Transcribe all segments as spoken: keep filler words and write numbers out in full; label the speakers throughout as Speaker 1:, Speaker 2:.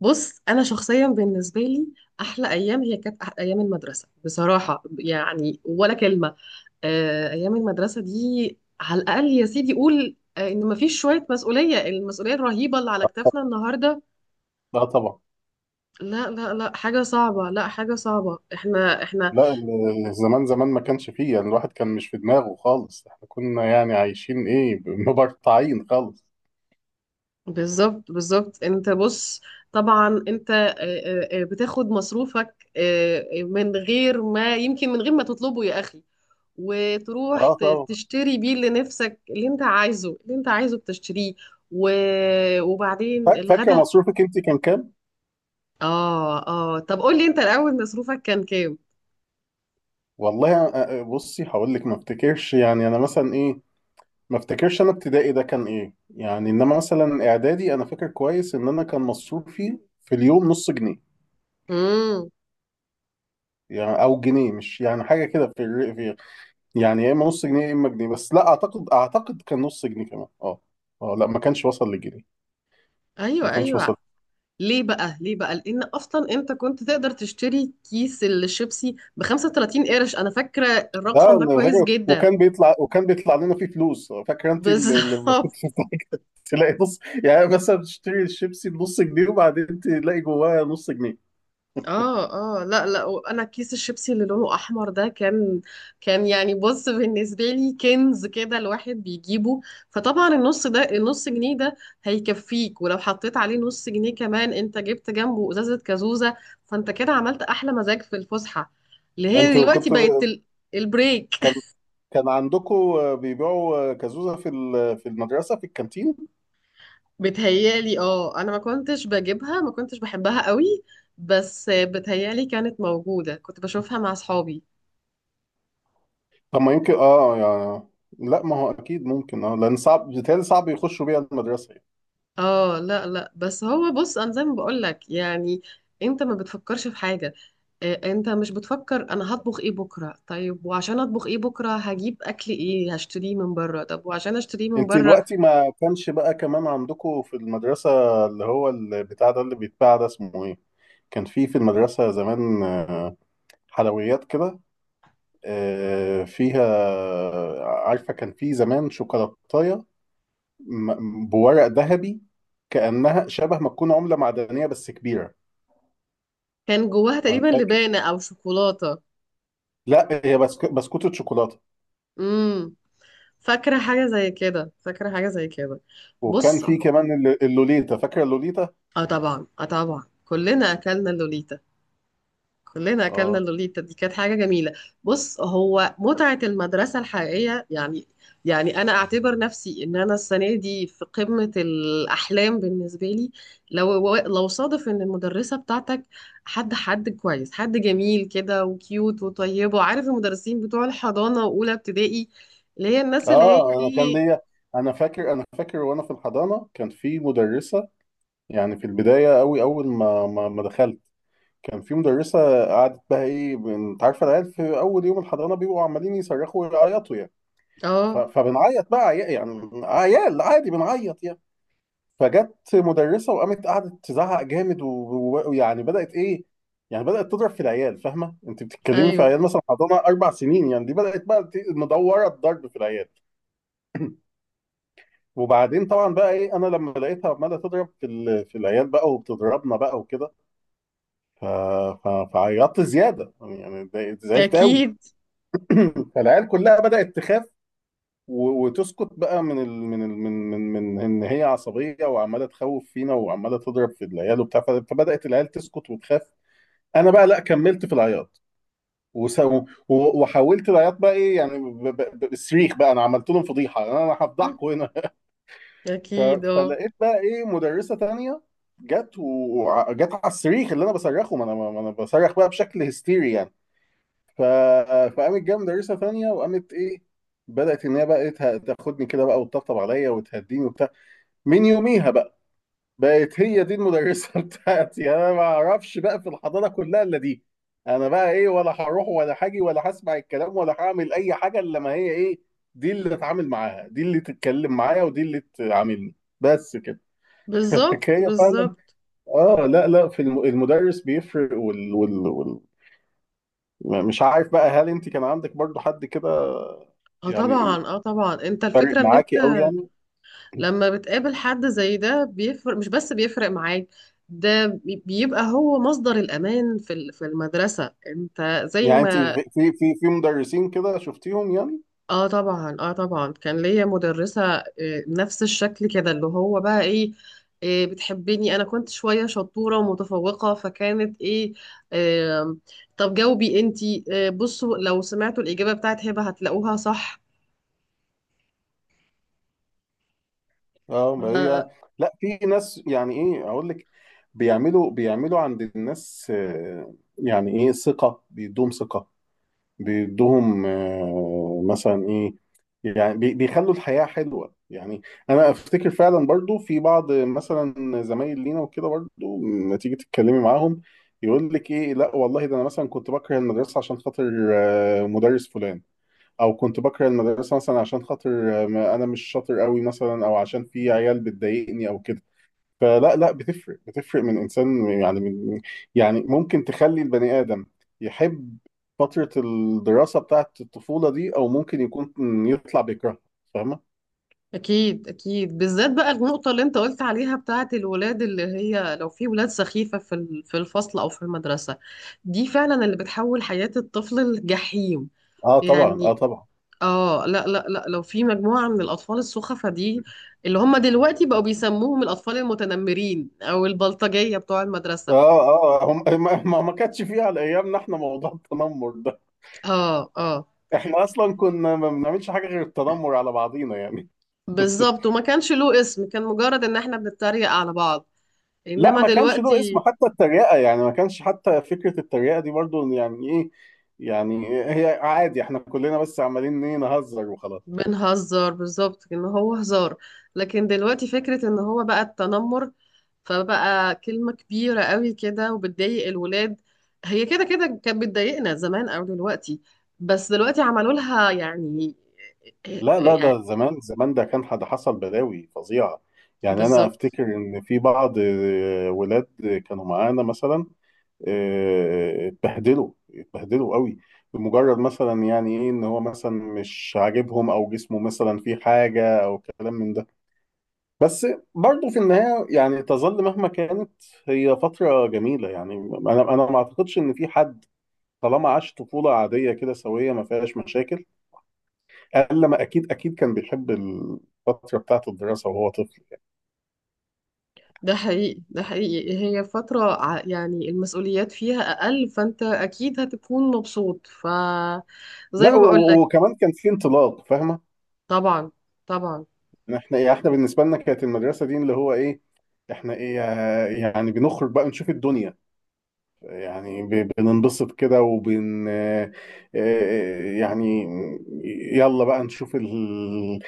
Speaker 1: بص انا شخصيا بالنسبه لي، احلى ايام هي كانت أح- ايام المدرسه بصراحه، يعني ولا كلمه. آه، ايام المدرسه دي على الاقل يا سيدي قول، آه، ان مفيش شويه مسؤوليه، المسؤوليه الرهيبه اللي على كتافنا النهارده.
Speaker 2: لا طبعا.
Speaker 1: لا لا لا حاجه صعبه، لا حاجه صعبه. احنا احنا
Speaker 2: لا ال- زمان زمان ما كانش فيه، يعني الواحد كان مش في دماغه خالص. احنا كنا يعني عايشين ايه ب- مبرطعين خالص.
Speaker 1: بالظبط بالظبط. انت بص، طبعا انت آه، آه، آه، بتاخد مصروفك، آه، آه، من غير ما، يمكن من غير ما تطلبه يا اخي. وتروح
Speaker 2: اه
Speaker 1: ت-
Speaker 2: طبعا.
Speaker 1: تشتري بيه اللي نفسك، اللي انت عايزه، اللي انت عايزه بتشتريه. و... وبعدين
Speaker 2: فا- فاكره
Speaker 1: الغدا.
Speaker 2: مصروفك انت كان كام؟
Speaker 1: اه اه، طب قول لي انت الاول، مصروفك كان كام؟
Speaker 2: والله أ- أ- بصي هقول لك، ما افتكرش يعني انا مثلا ايه ما افتكرش انا ابتدائي ده كان ايه، يعني انما مثلا اعدادي انا فاكر كويس ان انا كان مصروفي في اليوم نص جنيه.
Speaker 1: امم.
Speaker 2: يعني او جنيه، مش يعني حاجه كده في، الر- في يعني يا اما نص جنيه يا اما جنيه، بس لا اعتقد اعتقد كان نص جنيه كمان اه. اه لا، ما كانش وصل لجنيه.
Speaker 1: ايوه
Speaker 2: ما كانش
Speaker 1: ايوه.
Speaker 2: وسط.
Speaker 1: ليه بقى؟ ليه بقى؟ لان اصلا انت كنت تقدر تشتري كيس الشيبسي ب خمسة وتلاتين قرش، انا فاكره
Speaker 2: لا
Speaker 1: الرقم ده
Speaker 2: أنا
Speaker 1: كويس
Speaker 2: فاكر،
Speaker 1: جدا.
Speaker 2: وكان بيطلع وكان بيطلع لنا فيه فلوس، فاكر؟ انت اللي اللي
Speaker 1: بالظبط.
Speaker 2: بتاعك تلاقي نص، يعني مثلا تشتري الشيبسي بنص جنيه وبعدين تلاقي جواه نص جنيه.
Speaker 1: اه اه، لا لا، وانا كيس الشيبسي اللي لونه احمر ده كان، كان يعني، بص بالنسبه لي كنز كده الواحد بيجيبه. فطبعا النص ده، النص جنيه ده هيكفيك، ولو حطيت عليه نص جنيه كمان انت جبت جنبه ازازه كازوزه. فانت كده عملت احلى مزاج في الفسحه، اللي هي
Speaker 2: انتوا
Speaker 1: دلوقتي بقت
Speaker 2: كنتوا
Speaker 1: ال- البريك.
Speaker 2: كان كان عندكم بيبيعوا كازوزة في ال- في المدرسة في الكانتين؟
Speaker 1: بتهيالي اه، انا ما كنتش بجيبها، ما كنتش بحبها قوي، بس بتهيالي كانت موجوده، كنت بشوفها مع اصحابي.
Speaker 2: طب ما يمكن اه يعني، لا ما هو اكيد ممكن اه، لان صعب بيتهيألي صعب يخشوا بيها المدرسة يعني.
Speaker 1: اه لا لا، بس هو بص، انا زي ما بقول لك يعني، انت ما بتفكرش في حاجه. آه، انت مش بتفكر انا هطبخ ايه بكره، طيب وعشان اطبخ ايه بكره هجيب اكل ايه، هشتريه من بره، طب وعشان اشتريه من
Speaker 2: انت
Speaker 1: بره.
Speaker 2: دلوقتي ما كانش بقى كمان عندكم في المدرسة اللي هو البتاع ده اللي بيتباع ده اسمه ايه؟ كان في في المدرسة زمان آه، حلويات كده، آه، فيها، عارفة كان في زمان شوكولاتاية م- بورق ذهبي، كأنها شبه ما تكون عملة معدنية بس كبيرة.
Speaker 1: كان جواها
Speaker 2: أنا
Speaker 1: تقريبا
Speaker 2: فاكر،
Speaker 1: لبانه او شوكولاته.
Speaker 2: لا هي بسك... بسكوتة شوكولاتة.
Speaker 1: امم. فاكره حاجه زي كده، فاكره حاجه زي كده.
Speaker 2: وكان
Speaker 1: بص،
Speaker 2: في كمان الل- اللوليتا، فاكرة اللوليتا؟
Speaker 1: اه طبعا اه طبعا، كلنا اكلنا اللوليتا، كلنا اكلنا
Speaker 2: اه
Speaker 1: اللوليتا، دي كانت حاجه جميله. بص، هو متعه المدرسه الحقيقيه يعني، يعني انا اعتبر نفسي ان انا السنه دي في قمه الاحلام بالنسبه لي. لو لو صادف ان المدرسه بتاعتك، حد حد كويس، حد جميل كده وكيوت وطيب، وعارف المدرسين بتوع الحضانه واولى ابتدائي، اللي هي الناس اللي هي
Speaker 2: اه. أنا كان
Speaker 1: ايه.
Speaker 2: ليا، أنا فاكر أنا فاكر وأنا في الحضانة كان في مدرسة، يعني في البداية أوي أول ما ما ما دخلت كان في مدرسة قعدت بقى إيه، بن- أنت عارفة العيال في أول يوم الحضانة بيبقوا عمالين يصرخوا ويعيطوا يعني. ف-
Speaker 1: اه.
Speaker 2: فبنعيط بقى عيا- يعني عيال عادي بنعيط يعني. فجت مدرسة وقامت قعدت تزعق جامد و- ويعني بدأت إيه، يعني بدأت تضرب في العيال، فاهمة؟ أنت بتتكلمي في
Speaker 1: ايوه.
Speaker 2: عيال مثلا حضانة أربع سنين، يعني دي بدأت بقى ت- مدورة الضرب في العيال. وبعدين طبعا بقى إيه، أنا لما لقيتها عمالة تضرب في ال- في العيال بقى وبتضربنا بقى وكده، ف- ف- فعيطت زيادة يعني، يعني اتضايقت- زعلت قوي.
Speaker 1: اكيد
Speaker 2: فالعيال كلها بدأت تخاف و- وتسكت بقى من ال... من ال... من من من ان هي عصبيه وعماله تخوف فينا وعماله تضرب في العيال وبتاع، ف- فبدأت العيال تسكت وتخاف. انا بقى لا، كملت في العياط وس... و... وحولت العياط بقى ايه يعني ب... ب... ب- بالصريخ بقى، انا عملت لهم فضيحه، انا هفضحكم هنا. ف...
Speaker 1: اكيد. اه.
Speaker 2: فلقيت بقى ايه مدرسه تانية، جت وجت على الصريخ اللي انا بصرخه، ما انا ما انا بصرخ بقى بشكل هستيري يعني. ف... فقامت جايه مدرسه تانية وقامت ايه، بدات ان هي بقى ته- تاخدني كده بقى وتطبطب عليا وتهديني وبتاع. من يوميها بقى بقت هي دي المدرسه بتاعتي، يعني انا ما اعرفش بقى في الحضانه كلها الا دي. انا بقى ايه، ولا هروح ولا هاجي ولا هسمع الكلام ولا هعمل اي حاجه الا ما هي ايه، دي اللي اتعامل معاها، دي اللي تتكلم معايا، ودي اللي تعاملني، بس كده.
Speaker 1: بالظبط
Speaker 2: هي فعلا،
Speaker 1: بالظبط.
Speaker 2: اه لا لا، في الم- المدرس بيفرق وال... وال... وال... م- مش عارف بقى هل انت كان عندك برضو حد كده
Speaker 1: اه
Speaker 2: يعني
Speaker 1: طبعا اه طبعا، انت
Speaker 2: فارق
Speaker 1: الفكره ان
Speaker 2: معاكي قوي يعني؟
Speaker 1: لما بتقابل حد زي ده بيفرق، مش بس بيفرق معاك، ده بي- بيبقى هو مصدر الأمان في ال- في المدرسة، انت زي
Speaker 2: يعني انت
Speaker 1: ما.
Speaker 2: في في في في مدرسين كده شفتيهم يعني؟
Speaker 1: اه طبعا اه طبعا، كان ليا مدرسة، آه، نفس الشكل كده، اللي هو بقى ايه، آه، بتحبني، انا كنت شوية شطورة ومتفوقة، فكانت ايه، آه. طب جاوبي انتي، آه، بصوا لو سمعتوا الإجابة بتاعت هبة هتلاقوها صح.
Speaker 2: اه ما هي لا، في ناس يعني ايه اقول لك، بيعملوا بيعملوا عند الناس آه، يعني ايه ثقة، بيدوم ثقة، بيدوهم آه، مثلا ايه، يعني بي- بيخلوا الحياة حلوة يعني. انا افتكر فعلا برضو في بعض مثلا زمايل لينا وكده برضو، لما تيجي تتكلمي معاهم، يقول لك ايه لا والله ده انا مثلا كنت بكره المدرسة عشان خاطر آه، مدرس فلان، او كنت بكره المدرسة مثلا عشان خاطر آه، ما- انا مش شاطر قوي مثلا، او عشان في عيال بتضايقني او كده. فلا لا، بتفرق، بتفرق من انسان يعني من، يعني ممكن تخلي البني ادم يحب فتره الدراسه بتاعه الطفوله دي، او ممكن يكون يطلع بيكرهها، فاهمه؟
Speaker 1: اكيد اكيد، بالذات بقى النقطه اللي انت قلت عليها بتاعه الولاد، اللي هي لو في ولاد سخيفه في ال- في الفصل او في المدرسه، دي فعلا اللي بتحول حياه الطفل لجحيم.
Speaker 2: اه طبعا
Speaker 1: يعني
Speaker 2: اه طبعا.
Speaker 1: اه لا لا لا، لو في مجموعه من الاطفال السخفه دي، اللي هم دلوقتي بقوا بيسموهم الاطفال المتنمرين او البلطجيه بتوع المدرسه.
Speaker 2: اه اه هم ما ما ما كانتش فيه على ايامنا احنا موضوع التنمر ده.
Speaker 1: اه اه.
Speaker 2: احنا اصلا كنا ما بنعملش حاجه غير التنمر على بعضينا يعني.
Speaker 1: بالظبط، وما كانش له اسم، كان مجرد ان احنا بنتريق على بعض.
Speaker 2: لا
Speaker 1: انما
Speaker 2: ما كانش له اسم،
Speaker 1: دلوقتي،
Speaker 2: حتى التريقه يعني ما كانش حتى فكره التريقه دي برضو يعني ايه، يعني هي عادي احنا كلنا بس عمالين ايه، نهزر وخلاص.
Speaker 1: بنهزر بالظبط، ان هو هزار. لكن دلوقتي فكرة ان هو بقى التنمر، فبقى كلمة كبيرة قوي كده وبتضايق الولاد. هي كده كده كانت بتضايقنا زمان او دلوقتي، بس دلوقتي عملوا لها يعني،
Speaker 2: لا لا،
Speaker 1: يعني
Speaker 2: ده زمان زمان ده كان حد حصل بلاوي فظيعة، يعني أنا
Speaker 1: بالظبط.
Speaker 2: أفتكر إن في بعض آه، ولاد كانوا معانا مثلا آه، اتبهدلوا اتبهدلوا قوي، بمجرد مثلا يعني إيه إن هو مثلا مش عاجبهم، أو جسمه مثلا فيه حاجة، أو كلام من ده. بس برضه في النهاية يعني تظل مهما كانت هي فترة جميلة يعني. أنا أنا ما أعتقدش إن في حد طالما عاش طفولة عادية كده سوية ما فيهاش مشاكل، قال لما اكيد اكيد كان بيحب الفتره بتاعت الدراسه وهو طفل.
Speaker 1: ده حقيقي ده حقيقي، هي فترة ع- يعني المسؤوليات فيها اقل، فانت اكيد هتكون مبسوط، فزي
Speaker 2: لا
Speaker 1: ما
Speaker 2: و-
Speaker 1: بقول
Speaker 2: و-
Speaker 1: لك.
Speaker 2: وكمان كان في انطلاق، فاهمه؟
Speaker 1: طبعا طبعا.
Speaker 2: احنا ايه، احنا بالنسبه لنا كانت المدرسه دي اللي هو ايه، احنا ايه آه، يعني بنخرج بقى نشوف الدنيا، يعني ب- بننبسط كده وبن آه، آه، يعني يلا بقى نشوف ال...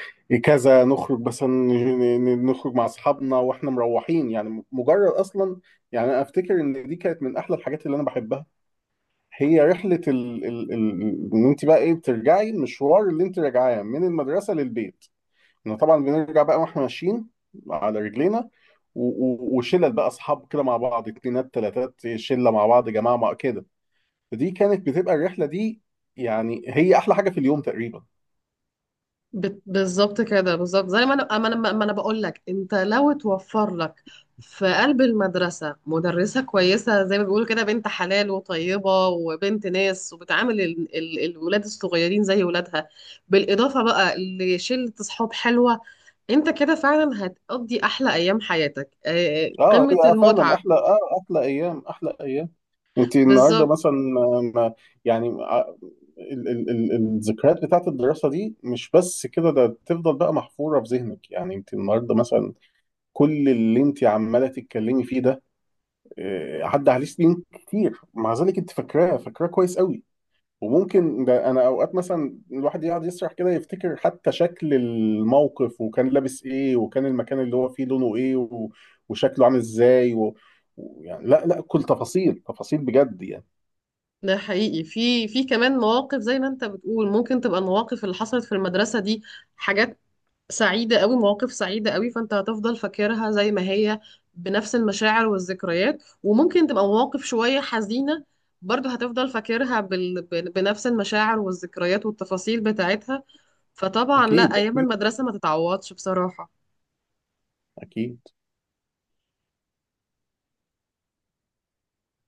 Speaker 2: كذا، نخرج بس ن- ن- نخرج مع اصحابنا واحنا مروحين، يعني مجرد اصلا، يعني انا افتكر ان دي كانت من احلى الحاجات اللي انا بحبها، هي رحلة ال... ال... ال... ان انت بقى ايه بترجعي المشوار اللي انت راجعاه من المدرسة للبيت. احنا طبعا بنرجع بقى واحنا ماشيين على رجلينا، و... و... وشلل بقى اصحاب كده مع بعض، اتنينات تلاتات، شلة مع بعض، جماعة مع كده، فدي كانت بتبقى الرحلة دي، يعني هي احلى حاجة في اليوم تقريبا.
Speaker 1: بت- بالظبط كده، بالظبط زي ما انا ما انا ما انا بقول لك، انت لو توفر لك في قلب المدرسه مدرسه كويسه، زي ما بيقولوا كده، بنت حلال وطيبه وبنت ناس، وبتعامل ال- ال- الولاد الصغيرين زي ولادها، بالاضافه بقى لشله اصحاب حلوه، انت كده فعلا هتقضي احلى ايام حياتك، آه،
Speaker 2: اه
Speaker 1: قمه
Speaker 2: هي فعلا
Speaker 1: المتعه.
Speaker 2: احلى، اه احلى ايام احلى ايام. انت النهارده
Speaker 1: بالظبط.
Speaker 2: مثلا ما- يعني ع- ال ال ال الذكريات بتاعت الدراسه دي مش بس كده، ده تفضل بقى محفوره في ذهنك، يعني انت النهارده مثلا كل اللي انت عماله تتكلمي فيه ده آه، عدى عليه سنين كتير، مع ذلك انت فاكراه، فاكراه كويس قوي. وممكن ده انا اوقات مثلا الواحد يقعد يسرح كده، يفتكر حتى شكل الموقف وكان لابس ايه وكان المكان اللي هو فيه لونه ايه و- وشكله عامل ازاي و... و- يعني لا لا، كل تفاصيل تفاصيل بجد يعني.
Speaker 1: ده حقيقي، في في كمان مواقف زي ما انت بتقول، ممكن تبقى المواقف اللي حصلت في المدرسه دي حاجات سعيدة قوي، مواقف سعيدة قوي، فانت هتفضل فاكرها زي ما هي، بنفس المشاعر والذكريات. وممكن تبقى مواقف شوية حزينة، برضه هتفضل فاكرها، بال... بن- بنفس المشاعر والذكريات والتفاصيل بتاعتها. فطبعا لا،
Speaker 2: أكيد
Speaker 1: أيام
Speaker 2: أكيد
Speaker 1: المدرسة ما تتعوضش بصراحة.
Speaker 2: أكيد.